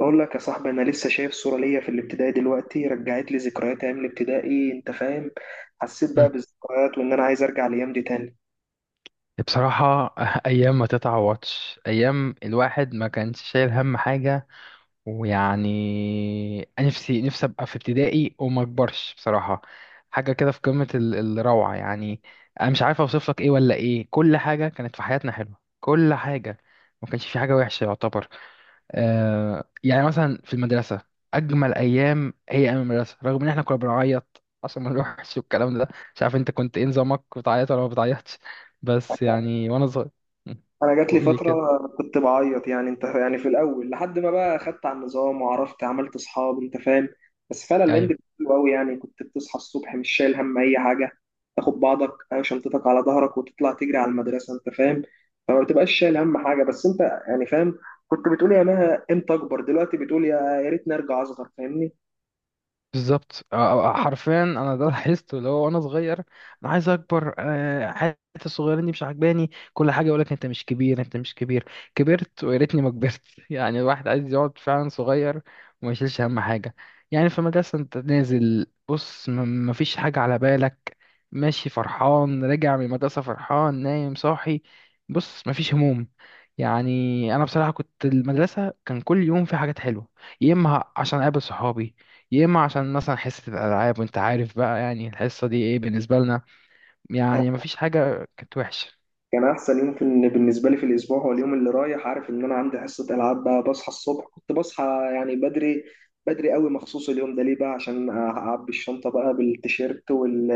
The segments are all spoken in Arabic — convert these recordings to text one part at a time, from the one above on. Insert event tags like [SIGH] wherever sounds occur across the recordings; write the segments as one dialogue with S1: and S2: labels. S1: اقول لك يا صاحبي، انا لسه شايف صوره ليا في الابتدائي. دلوقتي رجعت لي ذكريات ايام الابتدائي، انت فاهم؟ حسيت بقى
S2: مم.
S1: بالذكريات وان انا عايز ارجع الايام دي تاني.
S2: بصراحة [LAUGHS] أيام ما تتعوضش. أيام الواحد ما كانش شايل هم حاجة، ويعني نفسي أبقى في ابتدائي وما أكبرش بصراحة. حاجة كده في قمة الروعة يعني. أنا مش عارف أوصف لك إيه ولا إيه، كل حاجة كانت في حياتنا حلوة، كل حاجة، ما كانش في حاجة وحشة يعتبر. يعني مثلا في المدرسة، أجمل أيام هي أيام المدرسة، رغم إن إحنا كنا بنعيط عشان ما نروحش والكلام ده. مش عارف أنت كنت إيه نظامك، بتعيط ولا ما بتعيطش؟ بس يعني وأنا صغير.
S1: انا
S2: [LAUGHS]
S1: جات لي
S2: قول لي
S1: فتره
S2: كده.
S1: كنت بعيط، يعني انت يعني في الاول لحد ما بقى خدت على النظام وعرفت عملت اصحاب، انت فاهم. بس فعلا الهند
S2: أيوه،
S1: حلو قوي، يعني كنت بتصحى الصبح مش شايل هم اي حاجه. تاخد بعضك او شنطتك على ظهرك وتطلع تجري على المدرسه، انت فاهم. فما بتبقاش شايل هم حاجه، بس انت يعني فاهم. كنت بتقول يا مها امتى اكبر، دلوقتي بتقول يا يا ريتني ارجع اصغر، فاهمني؟
S2: بالظبط. حرفيا انا ده لاحظته، اللي هو وانا صغير انا عايز اكبر، حياتي الصغيرين دي مش عاجباني، كل حاجه يقول لك انت مش كبير انت مش كبير. كبرت ويا ريتني ما كبرت. [LAUGHS] يعني الواحد عايز يقعد فعلا صغير وما يشيلش هم حاجه. يعني في المدرسه انت نازل بص ما فيش حاجه على بالك، ماشي فرحان، راجع من المدرسه فرحان، نايم صاحي، بص ما فيش هموم يعني. انا بصراحه كنت المدرسه كان كل يوم في حاجات حلوه، يا اما عشان اقابل صحابي، يا اما عشان مثلا حصه الالعاب، وانت عارف بقى يعني الحصه دي ايه بالنسبه لنا، يعني مفيش حاجه كانت وحشه.
S1: كان احسن يوم في بالنسبه لي في الاسبوع هو اليوم اللي رايح عارف ان انا عندي حصه العاب. بقى بصحى الصبح، كنت بصحى يعني بدري، بدري قوي مخصوص اليوم ده، ليه بقى؟ عشان اعبي الشنطه بقى بالتيشيرت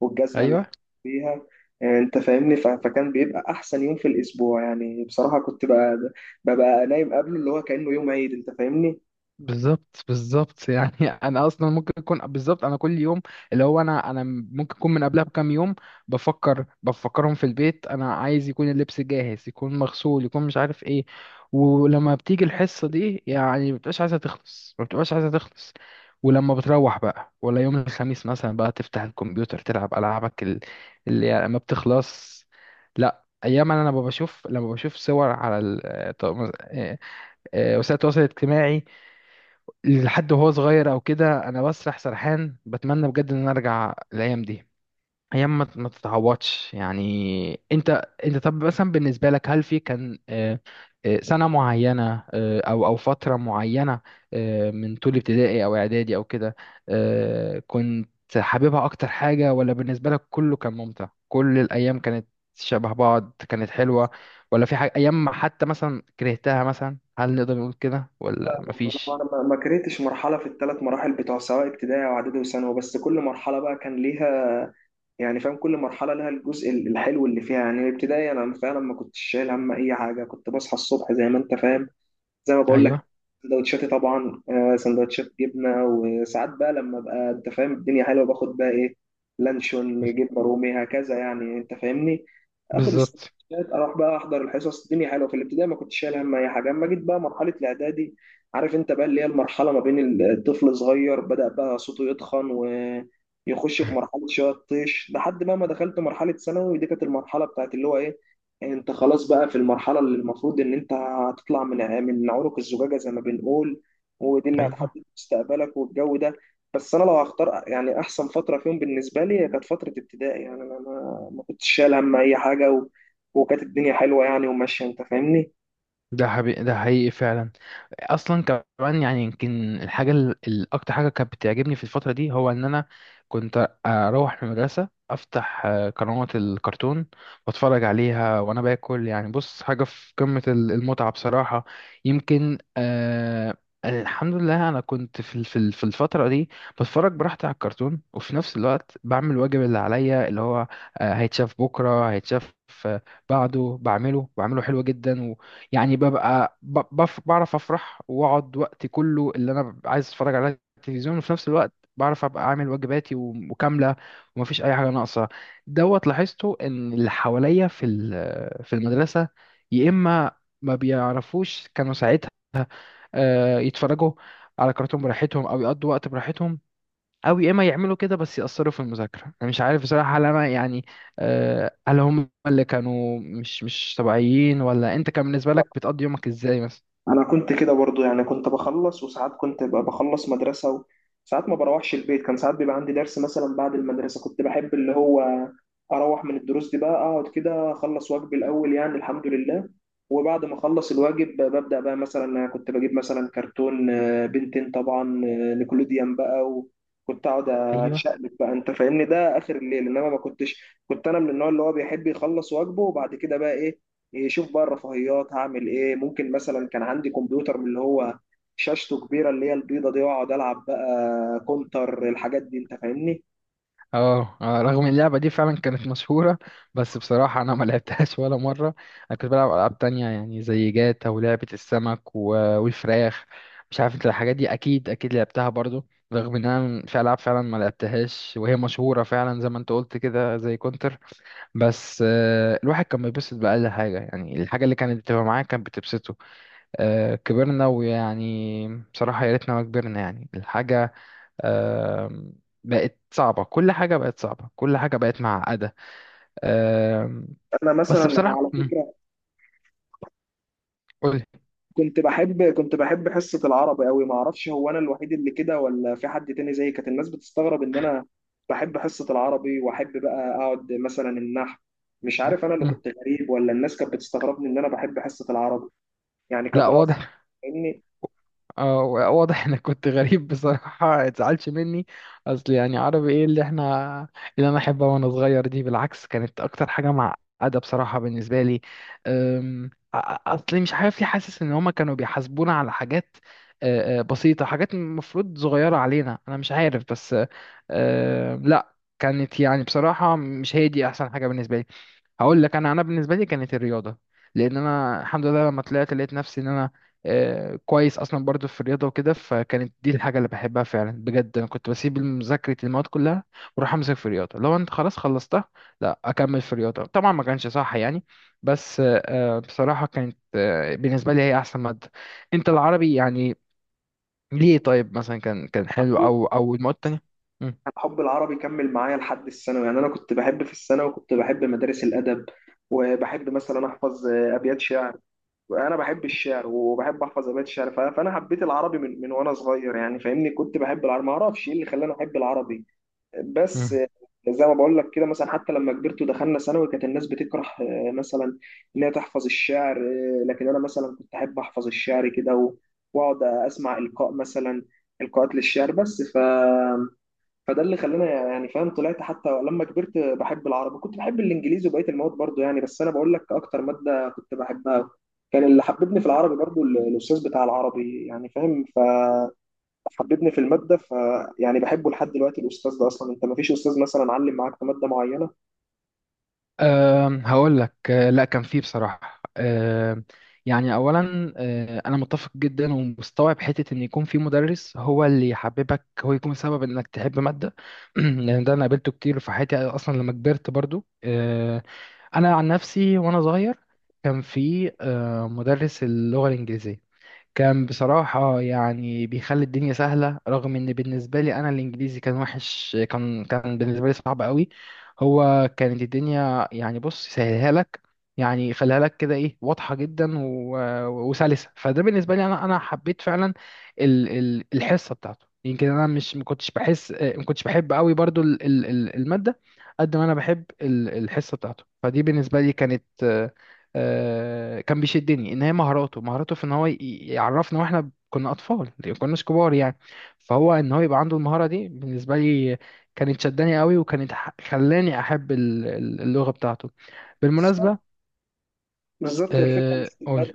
S1: والجزمه اللي
S2: ايوه،
S1: هحط فيها. انت فاهمني؟ فكان بيبقى احسن يوم في الاسبوع، يعني بصراحه كنت بقى ببقى نايم قبله، اللي هو كانه يوم عيد، انت فاهمني؟
S2: بالظبط بالظبط يعني. [LAUGHS] انا اصلا ممكن اكون بالظبط، انا كل يوم اللي هو انا ممكن اكون من قبلها بكام يوم بفكرهم في البيت، انا عايز يكون اللبس جاهز، يكون مغسول، يكون مش عارف ايه. ولما بتيجي الحصة دي يعني ما بتبقاش عايزة تخلص، ما بتبقاش عايزة تخلص. ولما بتروح بقى، ولا يوم الخميس مثلا بقى تفتح الكمبيوتر تلعب ألعابك اللي يعني ما بتخلص. لا، ايام انا لما بشوف صور على آه، وسائل التواصل الاجتماعي لحد وهو صغير او كده، انا بسرح سرحان بتمنى بجد ان انا ارجع الايام دي. ايام ما تتعوضش يعني. انت طب مثلا بالنسبه لك، هل في كان سنه معينه، او فتره معينه، من طول ابتدائي او اعدادي او كده، كنت حاببها اكتر حاجه؟ ولا بالنسبه لك كله كان ممتع، كل الايام كانت شبه بعض، كانت حلوه؟ ولا في حاجه، ايام ما حتى مثلا كرهتها مثلا، هل نقدر نقول كده ولا
S1: لا انا أنا
S2: مفيش؟
S1: ما ما كرهتش مرحله في الثلاث مراحل بتوع، سواء ابتدائي واعدادي وثانوي، بس كل مرحله بقى كان ليها، يعني فاهم؟ كل مرحلة لها الجزء الحلو اللي فيها. يعني الابتدائي أنا فعلا ما كنتش شايل هم أي حاجة، كنت بصحى الصبح زي ما أنت فاهم، زي ما بقول لك.
S2: ايوه،
S1: سندوتشاتي طبعا، سندوتشات جبنه، وساعات بقى لما ابقى انت فاهم الدنيا حلوه باخد بقى ايه، لانشون، جبنه رومي، هكذا، يعني انت فاهمني. اخد
S2: بالظبط،
S1: السندوتشات اروح بقى احضر الحصص. الدنيا حلوه في الابتدائي، ما كنتش شايل هم اي حاجه. اما جيت بقى مرحله الاعدادي، عارف انت بقى اللي هي المرحله ما بين الطفل صغير بدا بقى صوته يتخن ويخش في مرحله شويه الطيش، لحد بقى ما دخلت مرحله ثانوي. دي كانت المرحله بتاعت اللي هو ايه، انت خلاص بقى في المرحله اللي المفروض ان انت هتطلع من من عنق الزجاجة زي ما بنقول، ودي اللي
S2: ايوه.
S1: هتحدد مستقبلك والجو ده. بس انا لو هختار يعني احسن فترة فيهم بالنسبة لي، هي كانت فترة ابتدائي. يعني انا ما كنتش شايل هم اي حاجة، وكانت الدنيا حلوة، يعني وماشية، انت فاهمني؟
S2: ده حقيقي فعلا اصلا. كمان يعني يمكن الحاجه الاكتر حاجه كانت بتعجبني في الفتره دي، هو ان انا كنت اروح من المدرسه افتح قنوات الكرتون واتفرج عليها وانا باكل. يعني بص، حاجه في قمه المتعه بصراحه. يمكن الحمد لله انا كنت في في الفتره دي بتفرج براحتي على الكرتون، وفي نفس الوقت بعمل الواجب اللي عليا، اللي هو هيتشاف بكره، هيتشاف آه، بعده، بعمله حلو جدا. يعني ببقى بعرف افرح واقعد وقتي كله اللي انا ببقى عايز اتفرج على التلفزيون، وفي نفس الوقت بعرف ابقى عامل واجباتي وكامله ومفيش اي حاجه ناقصه. دوت لاحظته ان اللي حواليا في المدرسه، يا اما ما بيعرفوش، كانوا ساعتها يتفرجوا على كرتون براحتهم او يقضوا وقت براحتهم، أو يا إما يعملوا كده بس يأثروا في المذاكرة. أنا مش عارف بصراحة، هل أنا يعني هل هم اللي كانوا مش طبيعيين، ولا أنت كان بالنسبة لك بتقضي يومك إزاي مثلا؟
S1: انا كنت كده برضو، يعني كنت بخلص، وساعات كنت ببقى بخلص مدرسه وساعات ما بروحش البيت، كان ساعات بيبقى عندي درس مثلا بعد المدرسه. كنت بحب اللي هو اروح من الدروس دي بقى اقعد كده اخلص واجبي الاول، يعني الحمد لله. وبعد ما اخلص الواجب ببدا بقى، مثلا أنا كنت بجيب مثلا كرتون، بنتين طبعا، نيكولوديان بقى، وكنت اقعد
S2: أيوه.
S1: اتشقلب بقى، انت فاهمني؟ ده اخر الليل، انما ما كنتش. كنت انا من النوع اللي هو بيحب يخلص واجبه، وبعد كده بقى ايه يشوف بقى الرفاهيات هعمل ايه. ممكن مثلا كان عندي كمبيوتر من اللي هو شاشته كبيره، اللي هي البيضه دي، واقعد العب بقى كونتر، الحاجات دي، انت فاهمني؟
S2: رغم إن اللعبة دي فعلا كانت مشهورة، بس بصراحة أنا ما لعبتهاش [LAUGHS] ولا مرة. أنا كنت بلعب ألعاب تانية يعني زي جاتا ولعبة السمك والفراخ. مش عارف أنت الحاجات دي أكيد أكيد لعبتها برضو. رغم إن أنا في ألعاب فعلا ما لعبتهاش وهي مشهورة فعلا، زي ما أنت قلت كده زي كونتر. بس الواحد كان بيتبسط بأقل حاجة، يعني الحاجة اللي كانت بتبقى معاه كانت بتبسطه. كبرنا ويعني، بصراحة يا ريتنا ما كبرنا. يعني الحاجة آم، بقت صعبة، كل حاجة بقت صعبة، كل حاجة بقت معقدة. آم،
S1: انا
S2: بس
S1: مثلا انا
S2: بصراحة،
S1: على فكره
S2: قولي.
S1: كنت بحب حصه العربي قوي. ما اعرفش، هو انا الوحيد اللي كده ولا في حد تاني زيي؟ كانت الناس بتستغرب ان انا بحب حصه العربي، واحب بقى اقعد مثلا النحو. مش
S2: مم،
S1: عارف انا اللي
S2: مم.
S1: كنت غريب ولا الناس كانت بتستغربني ان انا بحب حصه العربي يعني
S2: لا،
S1: كدراسه،
S2: واضح.
S1: فاهمني؟
S2: اه. واضح انك كنت غريب بصراحة، اتزعلش مني. اصل يعني عربي ايه اللي احنا، اللي انا احبها وانا صغير دي بالعكس، كانت اكتر حاجة معقدة بصراحة بالنسبة لي. أم، أ- أ- اصل مش عارف ليه حاسس ان هما كانوا بيحاسبونا على حاجات أه، أه، بسيطة، حاجات المفروض صغيرة علينا. انا مش عارف، بس لا، كانت يعني بصراحة مش هي دي احسن حاجة بالنسبة لي. هقول لك انا بالنسبه لي كانت الرياضه، لان انا الحمد لله لما طلعت لقيت نفسي ان انا كويس اصلا برضو في الرياضه وكده، فكانت دي الحاجه اللي بحبها فعلا بجد. انا كنت بسيب مذاكره المواد كلها واروح امسك في الرياضه، لو انت خلاص خلصتها لا اكمل في الرياضه، طبعا ما كانش صح يعني، بس بصراحه كانت بالنسبه لي هي احسن ماده. انت العربي يعني ليه؟ طيب مثلا كان حلو، او المواد التانية؟
S1: حب العربي كمل معايا لحد الثانوي، يعني انا كنت بحب في الثانوي، وكنت بحب مدارس الادب، وبحب مثلا احفظ ابيات شعر. انا بحب الشعر وبحب احفظ ابيات شعر، فانا حبيت العربي من وانا صغير، يعني فاهمني؟ كنت بحب العربي، ما اعرفش ايه اللي خلاني احب العربي، بس
S2: مم.
S1: زي ما بقول لك كده. مثلا حتى لما كبرت ودخلنا ثانوي، كانت الناس بتكره مثلا ان هي تحفظ الشعر، لكن انا مثلا كنت احب احفظ الشعر كده واقعد اسمع القاء مثلا، القاءات للشعر. بس فده اللي خلاني يعني فاهم طلعت حتى لما كبرت بحب العربي. كنت بحب الانجليزي وبقيه المواد برضو، يعني بس انا بقول لك اكتر ماده كنت بحبها. كان اللي حببني في العربي برضو الاستاذ بتاع العربي، يعني فاهم؟ فحببني في الماده، يعني بحبه لحد دلوقتي، الاستاذ ده. اصلا انت ما فيش استاذ مثلا علم معاك في ماده معينه؟
S2: هقول لك، لا كان فيه بصراحة. يعني أولا أنا متفق جدا ومستوعب حتة إن يكون في مدرس هو اللي يحببك، هو يكون سبب إنك تحب مادة. [CLEARS THROAT] لأن ده أنا قابلته كتير في حياتي، أصلا لما كبرت برضو. أنا عن نفسي وأنا صغير كان في مدرس اللغة الإنجليزية، كان بصراحة يعني بيخلي الدنيا سهلة، رغم إن بالنسبة لي أنا الإنجليزي كان وحش، كان بالنسبة لي صعب قوي. هو كانت الدنيا يعني بص سهلها لك، يعني يخليها لك كده إيه، واضحة جدا وسلسة. فده بالنسبة لي أنا حبيت فعلا الحصة بتاعته. يمكن أنا، مش ما كنتش بحس ما كنتش بحب قوي برضو المادة، قد ما أنا بحب الحصة بتاعته. فدي بالنسبة لي كانت كان بيشدني ان هي مهاراته في ان هو يعرفنا واحنا كنا اطفال، ما كناش كبار يعني، فهو ان هو يبقى عنده المهارة دي بالنسبة لي، كانت شداني قوي، وكانت خلاني احب اللغة بتاعته.
S1: بالظبط،
S2: بالمناسبة.
S1: بالظبط، هي الفكره مش في
S2: قول.
S1: الماده،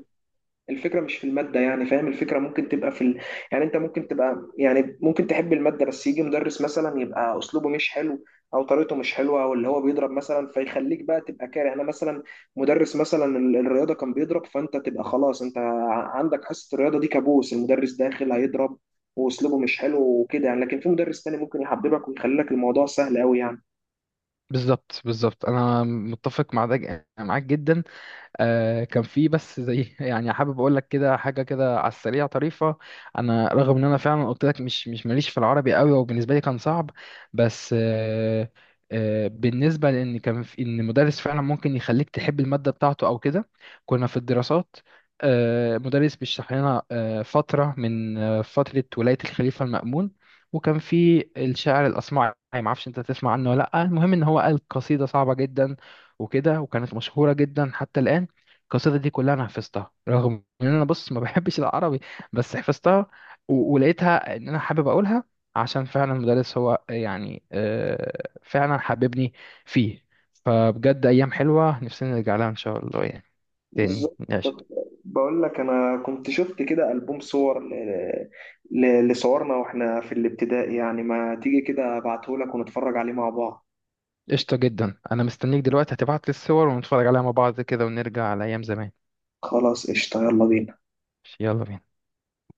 S1: الفكرة مش في المادة، يعني فاهم؟ الفكرة ممكن تبقى في يعني انت ممكن تبقى، يعني ممكن تحب المادة بس يجي مدرس مثلا يبقى اسلوبه مش حلو، او طريقته مش حلوة، او اللي هو بيضرب مثلا، فيخليك بقى تبقى كاره. انا مثلا مدرس مثلا الرياضة كان بيضرب، فانت تبقى خلاص انت عندك حصة الرياضة دي كابوس، المدرس داخل هيضرب واسلوبه مش حلو وكده، يعني. لكن في مدرس تاني ممكن يحببك ويخلي لك الموضوع سهل قوي يعني.
S2: بالظبط بالظبط، انا متفق مع ده معاك جدا. كان في بس زي، [LAUGHS] يعني حابب اقول لك كده حاجه كده على السريع طريفه. انا رغم ان انا فعلا قلت لك مش ماليش في العربي قوي وبالنسبه لي كان صعب، بس بالنسبه لان كان في ان مدرس فعلا ممكن يخليك تحب الماده بتاعته او كده. كنا في الدراسات، مدرس بيشرح لنا فتره من فتره ولايه الخليفه المأمون، وكان في الشاعر الاصمعي، ما اعرفش انت تسمع عنه ولا لا. المهم ان هو قال قصيده صعبه جدا وكده، وكانت مشهوره جدا حتى الان. القصيدة دي كلها أنا حفظتها، رغم إن أنا بص ما بحبش العربي، بس حفظتها ولقيتها إن أنا حابب أقولها، عشان فعلا المدرس هو يعني فعلا حببني فيه. فبجد أيام حلوة نفسنا نرجع لها إن شاء الله يعني. تاني.
S1: بالظبط. طب
S2: قشطة.
S1: بقول لك انا كنت شفت كده البوم صور لصورنا واحنا في الابتدائي، يعني ما تيجي كده ابعته لك ونتفرج عليه مع بعض؟
S2: قشطة جدا، أنا مستنيك دلوقتي هتبعت لي الصور ونتفرج عليها مع بعض كده، ونرجع على أيام زمان.
S1: خلاص، قشطة، يلا بينا.
S2: يلا بينا.